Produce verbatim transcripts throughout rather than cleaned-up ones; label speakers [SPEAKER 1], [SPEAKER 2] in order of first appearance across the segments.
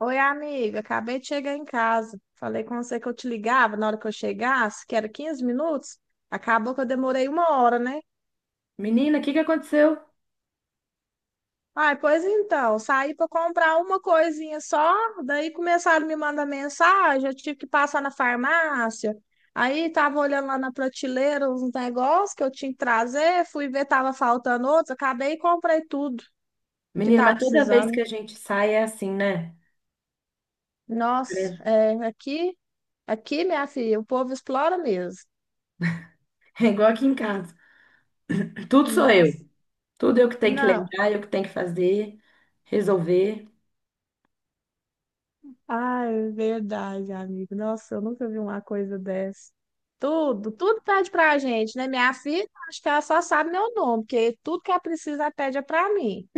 [SPEAKER 1] Oi, amiga, acabei de chegar em casa. Falei com você que eu te ligava na hora que eu chegasse, que era quinze minutos. Acabou que eu demorei uma hora, né?
[SPEAKER 2] Menina, o que que aconteceu?
[SPEAKER 1] Ai, pois então, saí para comprar uma coisinha só, daí começaram a me mandar mensagem, eu tive que passar na farmácia. Aí tava olhando lá na prateleira uns negócios que eu tinha que trazer, fui ver tava faltando outros, acabei e comprei tudo que
[SPEAKER 2] Menina,
[SPEAKER 1] tava
[SPEAKER 2] mas toda vez que
[SPEAKER 1] precisando.
[SPEAKER 2] a gente sai é assim, né?
[SPEAKER 1] Nossa,
[SPEAKER 2] É
[SPEAKER 1] é, aqui, aqui, minha filha, o povo explora mesmo.
[SPEAKER 2] é igual aqui em casa. Tudo sou eu.
[SPEAKER 1] Nossa.
[SPEAKER 2] Tudo eu que tenho que
[SPEAKER 1] Não.
[SPEAKER 2] lembrar, eu que tenho que fazer, resolver.
[SPEAKER 1] Ah, é verdade, amigo. Nossa, eu nunca vi uma coisa dessa. Tudo, tudo pede pra gente, né? Minha filha, acho que ela só sabe meu nome, porque tudo que ela precisa, ela pede é pra mim.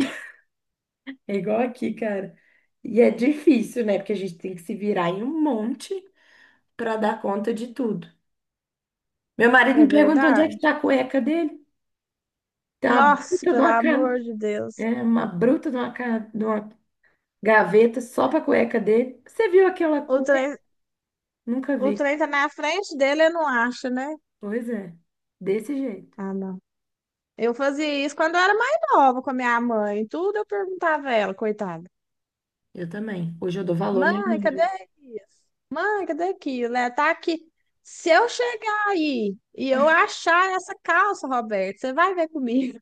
[SPEAKER 2] É igual aqui, cara. E é difícil, né? Porque a gente tem que se virar em um monte para dar conta de tudo. Meu marido
[SPEAKER 1] É
[SPEAKER 2] me perguntou onde é
[SPEAKER 1] verdade?
[SPEAKER 2] que tá a cueca dele. Tem uma bruta
[SPEAKER 1] Nossa,
[SPEAKER 2] de
[SPEAKER 1] pelo
[SPEAKER 2] uma, ca-
[SPEAKER 1] amor de Deus.
[SPEAKER 2] é, uma bruta de uma, ca- de uma gaveta só pra cueca dele. Você viu aquela
[SPEAKER 1] O
[SPEAKER 2] cueca?
[SPEAKER 1] trem,
[SPEAKER 2] Nunca
[SPEAKER 1] o
[SPEAKER 2] vi.
[SPEAKER 1] trem tá na frente dele, eu não acho, né?
[SPEAKER 2] Pois é, desse jeito.
[SPEAKER 1] Ah, não. Eu fazia isso quando eu era mais nova com a minha mãe. Tudo eu perguntava a ela, coitada.
[SPEAKER 2] Eu também. Hoje eu dou valor à minha
[SPEAKER 1] Mãe,
[SPEAKER 2] mãe,
[SPEAKER 1] cadê
[SPEAKER 2] viu?
[SPEAKER 1] isso? Mãe, cadê aquilo? Né? Tá aqui. Se eu chegar aí e eu achar essa calça, Roberto, você vai ver comigo.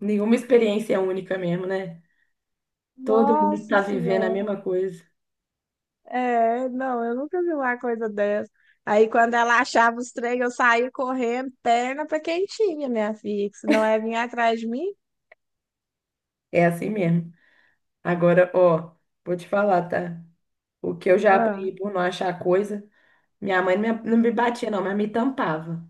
[SPEAKER 2] Nenhuma experiência é única mesmo, né? Todo mundo
[SPEAKER 1] Nossa
[SPEAKER 2] tá vivendo a
[SPEAKER 1] Senhora.
[SPEAKER 2] mesma coisa.
[SPEAKER 1] É, não, eu nunca vi uma coisa dessa. Aí, quando ela achava os trem, eu saía correndo, perna pra quem tinha, minha filha. Que se não é vir atrás de mim,
[SPEAKER 2] É assim mesmo. Agora, ó, vou te falar, tá? O que eu já
[SPEAKER 1] ah,
[SPEAKER 2] apanhei por não achar coisa, minha mãe não me não me batia, não, mas me tampava.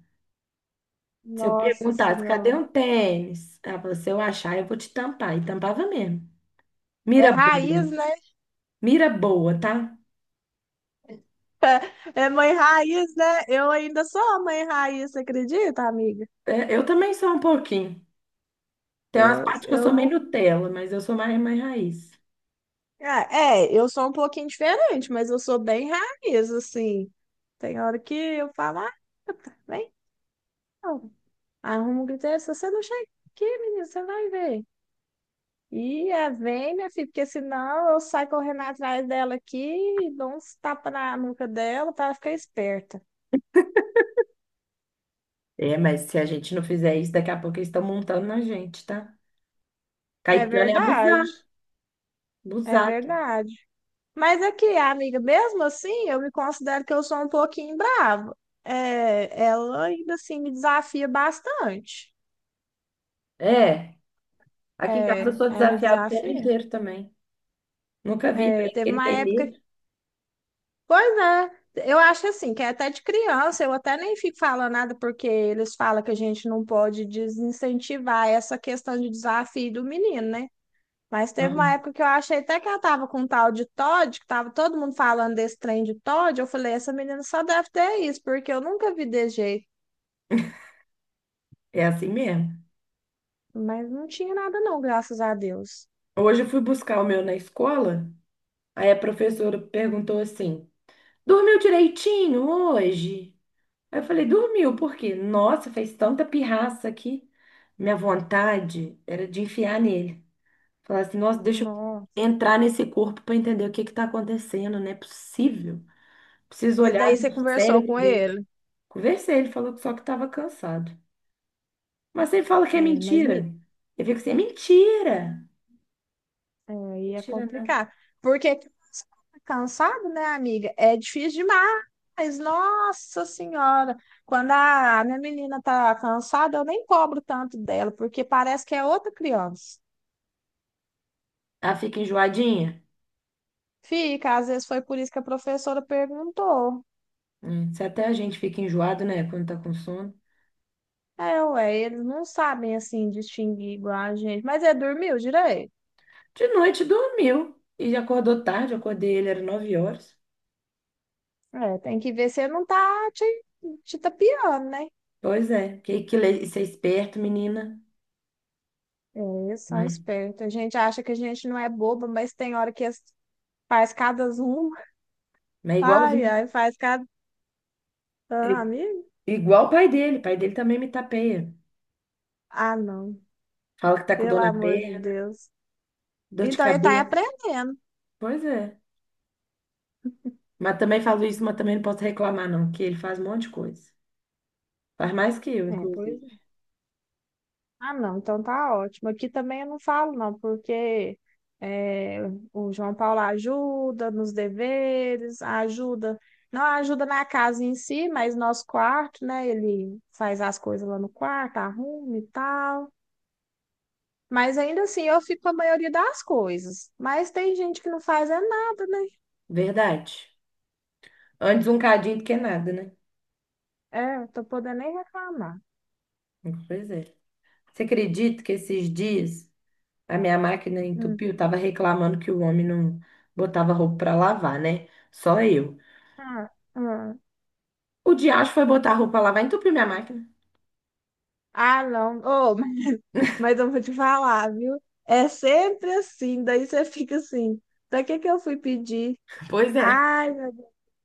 [SPEAKER 2] Se eu
[SPEAKER 1] nossa
[SPEAKER 2] perguntasse, cadê
[SPEAKER 1] Senhora.
[SPEAKER 2] um tênis? Ela falou, se eu achar, eu vou te tampar. E tampava mesmo.
[SPEAKER 1] É
[SPEAKER 2] Mira boa.
[SPEAKER 1] raiz, né?
[SPEAKER 2] Mira boa, tá?
[SPEAKER 1] É mãe raiz, né? Eu ainda sou a mãe raiz, você acredita, amiga?
[SPEAKER 2] É, eu também sou um pouquinho. Tem umas
[SPEAKER 1] Eu,
[SPEAKER 2] partes que eu
[SPEAKER 1] eu
[SPEAKER 2] sou meio
[SPEAKER 1] não
[SPEAKER 2] Nutella, mas eu sou mais, mais raiz.
[SPEAKER 1] Ah, é, eu sou um pouquinho diferente, mas eu sou bem raiz, assim. Tem hora que eu falo, ah, vem, não. Arruma um griteiro, se você não chega aqui, menino, você vai ver. E é, vem, minha filha, porque senão eu saio correndo atrás dela aqui e dou uns tapas na nuca dela para ela ficar esperta.
[SPEAKER 2] É, mas se a gente não fizer isso, daqui a pouco eles estão montando na gente, tá?
[SPEAKER 1] É
[SPEAKER 2] Caetano é
[SPEAKER 1] verdade,
[SPEAKER 2] abusado,
[SPEAKER 1] é
[SPEAKER 2] abusado.
[SPEAKER 1] verdade. Mas aqui, amiga, mesmo assim, eu me considero que eu sou um pouquinho brava. É, ela ainda assim me desafia bastante.
[SPEAKER 2] É, aqui em casa eu
[SPEAKER 1] É,
[SPEAKER 2] sou
[SPEAKER 1] é me
[SPEAKER 2] desafiado o tempo
[SPEAKER 1] desafia.
[SPEAKER 2] inteiro também. Nunca vi,
[SPEAKER 1] É,
[SPEAKER 2] parece que
[SPEAKER 1] teve
[SPEAKER 2] ele
[SPEAKER 1] uma
[SPEAKER 2] tem
[SPEAKER 1] época.
[SPEAKER 2] medo.
[SPEAKER 1] Pois é, eu acho assim, que é até de criança, eu até nem fico falando nada, porque eles falam que a gente não pode desincentivar essa questão de desafio do menino, né? Mas teve uma
[SPEAKER 2] Uhum.
[SPEAKER 1] época que eu achei até que ela tava com um tal de Todd, que tava todo mundo falando desse trem de Todd, eu falei, essa menina só deve ter isso, porque eu nunca vi desse jeito.
[SPEAKER 2] É assim mesmo.
[SPEAKER 1] Mas não tinha nada não, graças a Deus.
[SPEAKER 2] Hoje eu fui buscar o meu na escola, aí a professora perguntou assim: dormiu direitinho hoje? Aí eu falei: dormiu, por quê? Nossa, fez tanta pirraça aqui. Minha vontade era de enfiar nele. Falar assim, nossa, deixa
[SPEAKER 1] Nossa.
[SPEAKER 2] eu entrar nesse corpo para entender o que que tá acontecendo, não é possível. Preciso
[SPEAKER 1] Mas daí
[SPEAKER 2] olhar
[SPEAKER 1] você
[SPEAKER 2] no
[SPEAKER 1] conversou
[SPEAKER 2] cérebro
[SPEAKER 1] com
[SPEAKER 2] dele.
[SPEAKER 1] ele.
[SPEAKER 2] Conversei, ele falou que só que estava cansado. Mas você fala que é
[SPEAKER 1] É, mas me-
[SPEAKER 2] mentira. Eu fico assim, é mentira.
[SPEAKER 1] É, ia
[SPEAKER 2] Mentira, não.
[SPEAKER 1] complicar. Porque cansado, né, amiga? É difícil demais. Nossa Senhora! Quando a minha menina tá cansada, eu nem cobro tanto dela, porque parece que é outra criança.
[SPEAKER 2] Ah, fica enjoadinha?
[SPEAKER 1] Fica, às vezes foi por isso que a professora perguntou.
[SPEAKER 2] Hum, se até a gente fica enjoado, né, quando tá com sono.
[SPEAKER 1] É, ué, eles não sabem assim distinguir igual a gente. Mas é, dormiu direito?
[SPEAKER 2] De noite dormiu e já acordou tarde, eu acordei ele, era nove horas.
[SPEAKER 1] É, tem que ver se não tá te, te tapeando, né?
[SPEAKER 2] Pois é, que, que le- isso é esperto, menina.
[SPEAKER 1] É, eles são
[SPEAKER 2] Mas,
[SPEAKER 1] espertos. A gente acha que a gente não é boba, mas tem hora que as- Faz cada zoom.
[SPEAKER 2] mas é
[SPEAKER 1] Ai,
[SPEAKER 2] igualzinho.
[SPEAKER 1] ai, faz cada.
[SPEAKER 2] É
[SPEAKER 1] Ah, amigo?
[SPEAKER 2] igual o pai dele, o pai dele também me tapeia.
[SPEAKER 1] Ah, não.
[SPEAKER 2] Fala que tá com
[SPEAKER 1] Pelo
[SPEAKER 2] dor na
[SPEAKER 1] amor de
[SPEAKER 2] perna,
[SPEAKER 1] Deus.
[SPEAKER 2] dor de
[SPEAKER 1] Então ele tá
[SPEAKER 2] cabeça.
[SPEAKER 1] aprendendo.
[SPEAKER 2] Pois é. Mas também falo isso, mas também não posso reclamar, não, que ele faz um monte de coisa. Faz mais que eu,
[SPEAKER 1] É,
[SPEAKER 2] inclusive.
[SPEAKER 1] pois é. Ah, não. Então tá ótimo. Aqui também eu não falo, não, porque é, o João Paulo ajuda nos deveres, ajuda. Não ajuda na casa em si, mas nosso quarto, né? Ele faz as coisas lá no quarto, arruma e tal. Mas ainda assim eu fico com a maioria das coisas. Mas tem gente que não faz é nada, né?
[SPEAKER 2] Verdade. Antes um cadinho do que nada, né?
[SPEAKER 1] É, não tô podendo nem reclamar.
[SPEAKER 2] Pois é. Você acredita que esses dias a minha máquina
[SPEAKER 1] Hum.
[SPEAKER 2] entupiu? Tava reclamando que o homem não botava roupa pra lavar, né? Só eu.
[SPEAKER 1] Ah, ah.
[SPEAKER 2] O diacho foi botar a roupa pra lavar e entupiu minha máquina.
[SPEAKER 1] Ah, não. Oh, mas mas eu vou te falar, viu? É sempre assim, daí você fica assim. Pra que que eu fui pedir?
[SPEAKER 2] Pois é.
[SPEAKER 1] Ai, meu Deus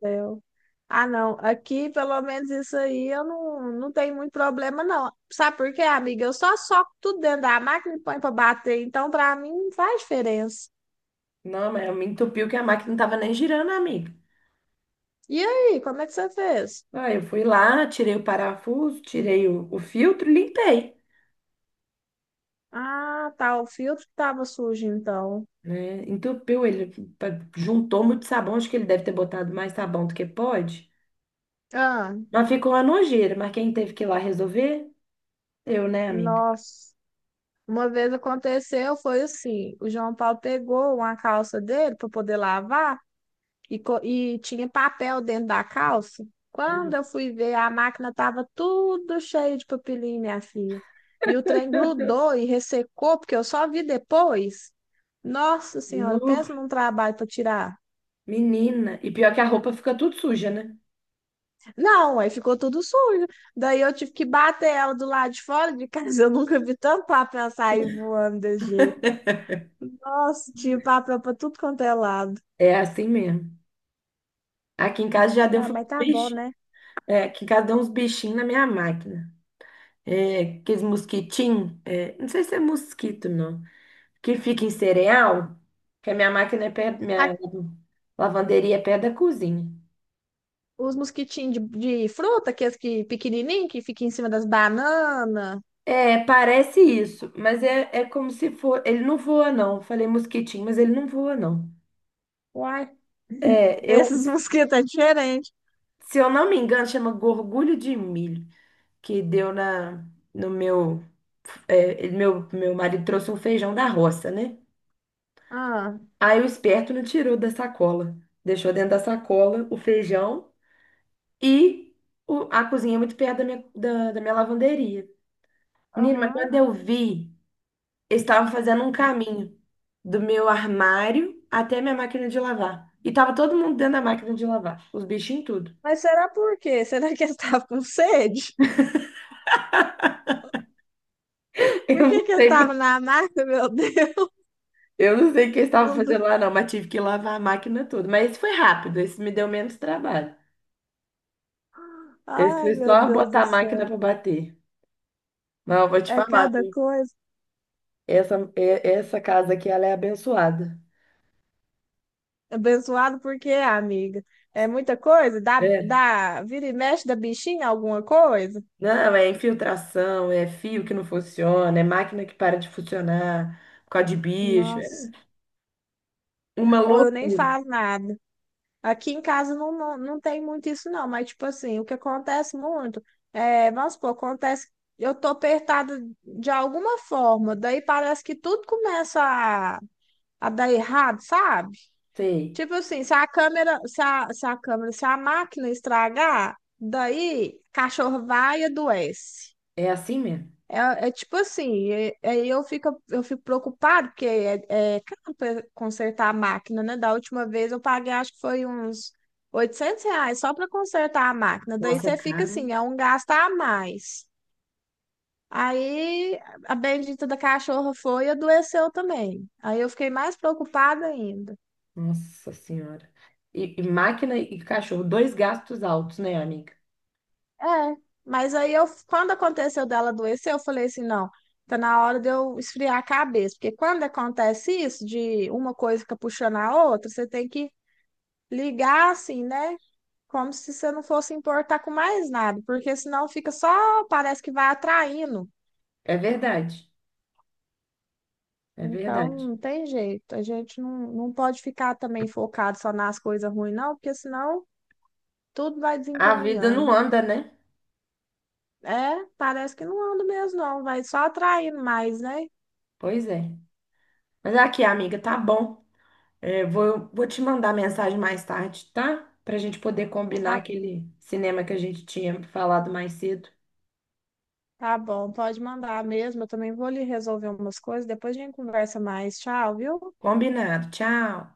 [SPEAKER 1] do céu. Ah, não. Aqui, pelo menos isso aí, eu não, não tenho muito problema, não. Sabe por quê, amiga? Eu só soco tudo dentro da máquina e ponho pra bater. Então, pra mim, não faz diferença.
[SPEAKER 2] Não, mas me entupiu que a máquina não tava nem girando, amiga.
[SPEAKER 1] E aí, como é que você fez?
[SPEAKER 2] Ah, eu fui lá, tirei o parafuso, tirei o, o filtro e limpei,
[SPEAKER 1] Ah, tá. O filtro que tava sujo, então.
[SPEAKER 2] né? Entupiu ele, pa- juntou muito sabão, acho que ele deve ter botado mais sabão do que pode.
[SPEAKER 1] Ah,
[SPEAKER 2] Mas ficou uma nojeira, mas quem teve que ir lá resolver? Eu, né, amiga?
[SPEAKER 1] nossa. Uma vez aconteceu, foi assim, o João Paulo pegou uma calça dele para poder lavar e, co- e tinha papel dentro da calça. Quando
[SPEAKER 2] Uhum.
[SPEAKER 1] eu fui ver, a máquina estava tudo cheio de papelinho, minha filha. E o trem grudou e ressecou, porque eu só vi depois. Nossa Senhora,
[SPEAKER 2] Nu,
[SPEAKER 1] pensa num trabalho para tirar.
[SPEAKER 2] menina. E pior que a roupa fica tudo suja, né?
[SPEAKER 1] Não, aí ficou tudo sujo. Daí eu tive que bater ela do lado de fora de casa. Eu nunca vi tanto papel sair voando desse jeito. Nossa, tinha papel para tudo quanto é lado.
[SPEAKER 2] É assim mesmo. Aqui em casa já deu
[SPEAKER 1] Ah,
[SPEAKER 2] uns
[SPEAKER 1] mas tá bom,
[SPEAKER 2] bichinhos.
[SPEAKER 1] né?
[SPEAKER 2] É, aqui em casa deu uns bichinhos na minha máquina. É, aqueles mosquitinhos. É, não sei se é mosquito, não. Que fica em cereal, que a minha máquina é perto,
[SPEAKER 1] A-
[SPEAKER 2] minha lavanderia é perto da cozinha.
[SPEAKER 1] os mosquitinhos de, de fruta, aqueles que pequenininho, que fica em cima das bananas.
[SPEAKER 2] É, parece isso, mas é, é como se for. Ele não voa, não. Falei mosquitinho, mas ele não voa, não.
[SPEAKER 1] Uai,
[SPEAKER 2] É, eu,
[SPEAKER 1] esses mosquitos é diferente.
[SPEAKER 2] Se eu não me engano, chama gorgulho de milho, que deu na, no meu, é, ele- meu, meu marido trouxe um feijão da roça, né?
[SPEAKER 1] Ah,
[SPEAKER 2] Aí o esperto não tirou da sacola, deixou dentro da sacola o feijão e o- a cozinha é muito perto da minha, da, da minha lavanderia. Menina, mas
[SPEAKER 1] aham.
[SPEAKER 2] quando eu vi, eles estavam fazendo um caminho do meu armário até minha máquina de lavar. E tava todo mundo dentro da máquina de lavar, os bichinhos tudo.
[SPEAKER 1] Mas será por quê? Será que eles estavam com sede?
[SPEAKER 2] Eu
[SPEAKER 1] Por que
[SPEAKER 2] não
[SPEAKER 1] que eles
[SPEAKER 2] sei, por-
[SPEAKER 1] estavam na mata, meu Deus?
[SPEAKER 2] eu não sei o que eles estavam fazendo lá, não, mas tive que lavar a máquina toda. Mas isso foi rápido, isso me deu menos trabalho. Esse
[SPEAKER 1] Ai,
[SPEAKER 2] foi
[SPEAKER 1] meu
[SPEAKER 2] só
[SPEAKER 1] Deus
[SPEAKER 2] botar
[SPEAKER 1] do
[SPEAKER 2] a máquina
[SPEAKER 1] céu.
[SPEAKER 2] para bater. Mas eu vou te
[SPEAKER 1] É
[SPEAKER 2] falar,
[SPEAKER 1] cada
[SPEAKER 2] viu?
[SPEAKER 1] coisa.
[SPEAKER 2] Essa, é- essa casa aqui, ela é abençoada.
[SPEAKER 1] Abençoado por quê, amiga? É muita coisa? Dá,
[SPEAKER 2] É.
[SPEAKER 1] dá, vira e mexe da bichinha alguma coisa?
[SPEAKER 2] Não, é infiltração, é fio que não funciona, é máquina que para de funcionar por causa de bicho.
[SPEAKER 1] Nossa,
[SPEAKER 2] Uma
[SPEAKER 1] ou eu nem
[SPEAKER 2] loucura.
[SPEAKER 1] falo nada. Aqui em casa não, não, não tem muito isso, não, mas tipo assim, o que acontece muito é, vamos supor, acontece, eu tô apertada de alguma forma, daí parece que tudo começa a, a dar errado, sabe?
[SPEAKER 2] Sei.
[SPEAKER 1] Tipo assim, se a câmera, se a, se a câmera, se a máquina estragar, daí cachorro vai e adoece.
[SPEAKER 2] É assim mesmo.
[SPEAKER 1] É, é tipo assim, é- aí eu fico, eu fico preocupado porque é, é caro pra consertar a máquina, né? Da última vez eu paguei, acho que foi uns oitocentos reais só para consertar a máquina. Daí
[SPEAKER 2] Nossa, é
[SPEAKER 1] você fica assim,
[SPEAKER 2] caro.
[SPEAKER 1] é um gasto a mais. Aí a bendita da cachorra foi e adoeceu também. Aí eu fiquei mais preocupada ainda.
[SPEAKER 2] Nossa Senhora. E, e máquina e cachorro, dois gastos altos, né, amiga?
[SPEAKER 1] É, mas aí eu, quando aconteceu dela adoecer, eu falei assim, não, tá na hora de eu esfriar a cabeça, porque quando acontece isso, de uma coisa fica puxando a outra, você tem que ligar assim, né? Como se você não fosse importar com mais nada, porque senão fica só, parece que vai atraindo.
[SPEAKER 2] É verdade. É
[SPEAKER 1] Então,
[SPEAKER 2] verdade.
[SPEAKER 1] não tem jeito. A gente não, não pode ficar também focado só nas coisas ruins, não, porque senão tudo vai
[SPEAKER 2] A vida
[SPEAKER 1] desencaminhando.
[SPEAKER 2] não anda, né?
[SPEAKER 1] É, parece que não anda mesmo, não, vai só atraindo mais, né?
[SPEAKER 2] Pois é. Mas aqui, amiga, tá bom. É, vou, vou te mandar mensagem mais tarde, tá? Pra gente poder combinar aquele cinema que a gente tinha falado mais cedo.
[SPEAKER 1] Tá bom, pode mandar mesmo. Eu também vou lhe resolver umas coisas. Depois a gente conversa mais. Tchau, viu?
[SPEAKER 2] Combinado. Tchau.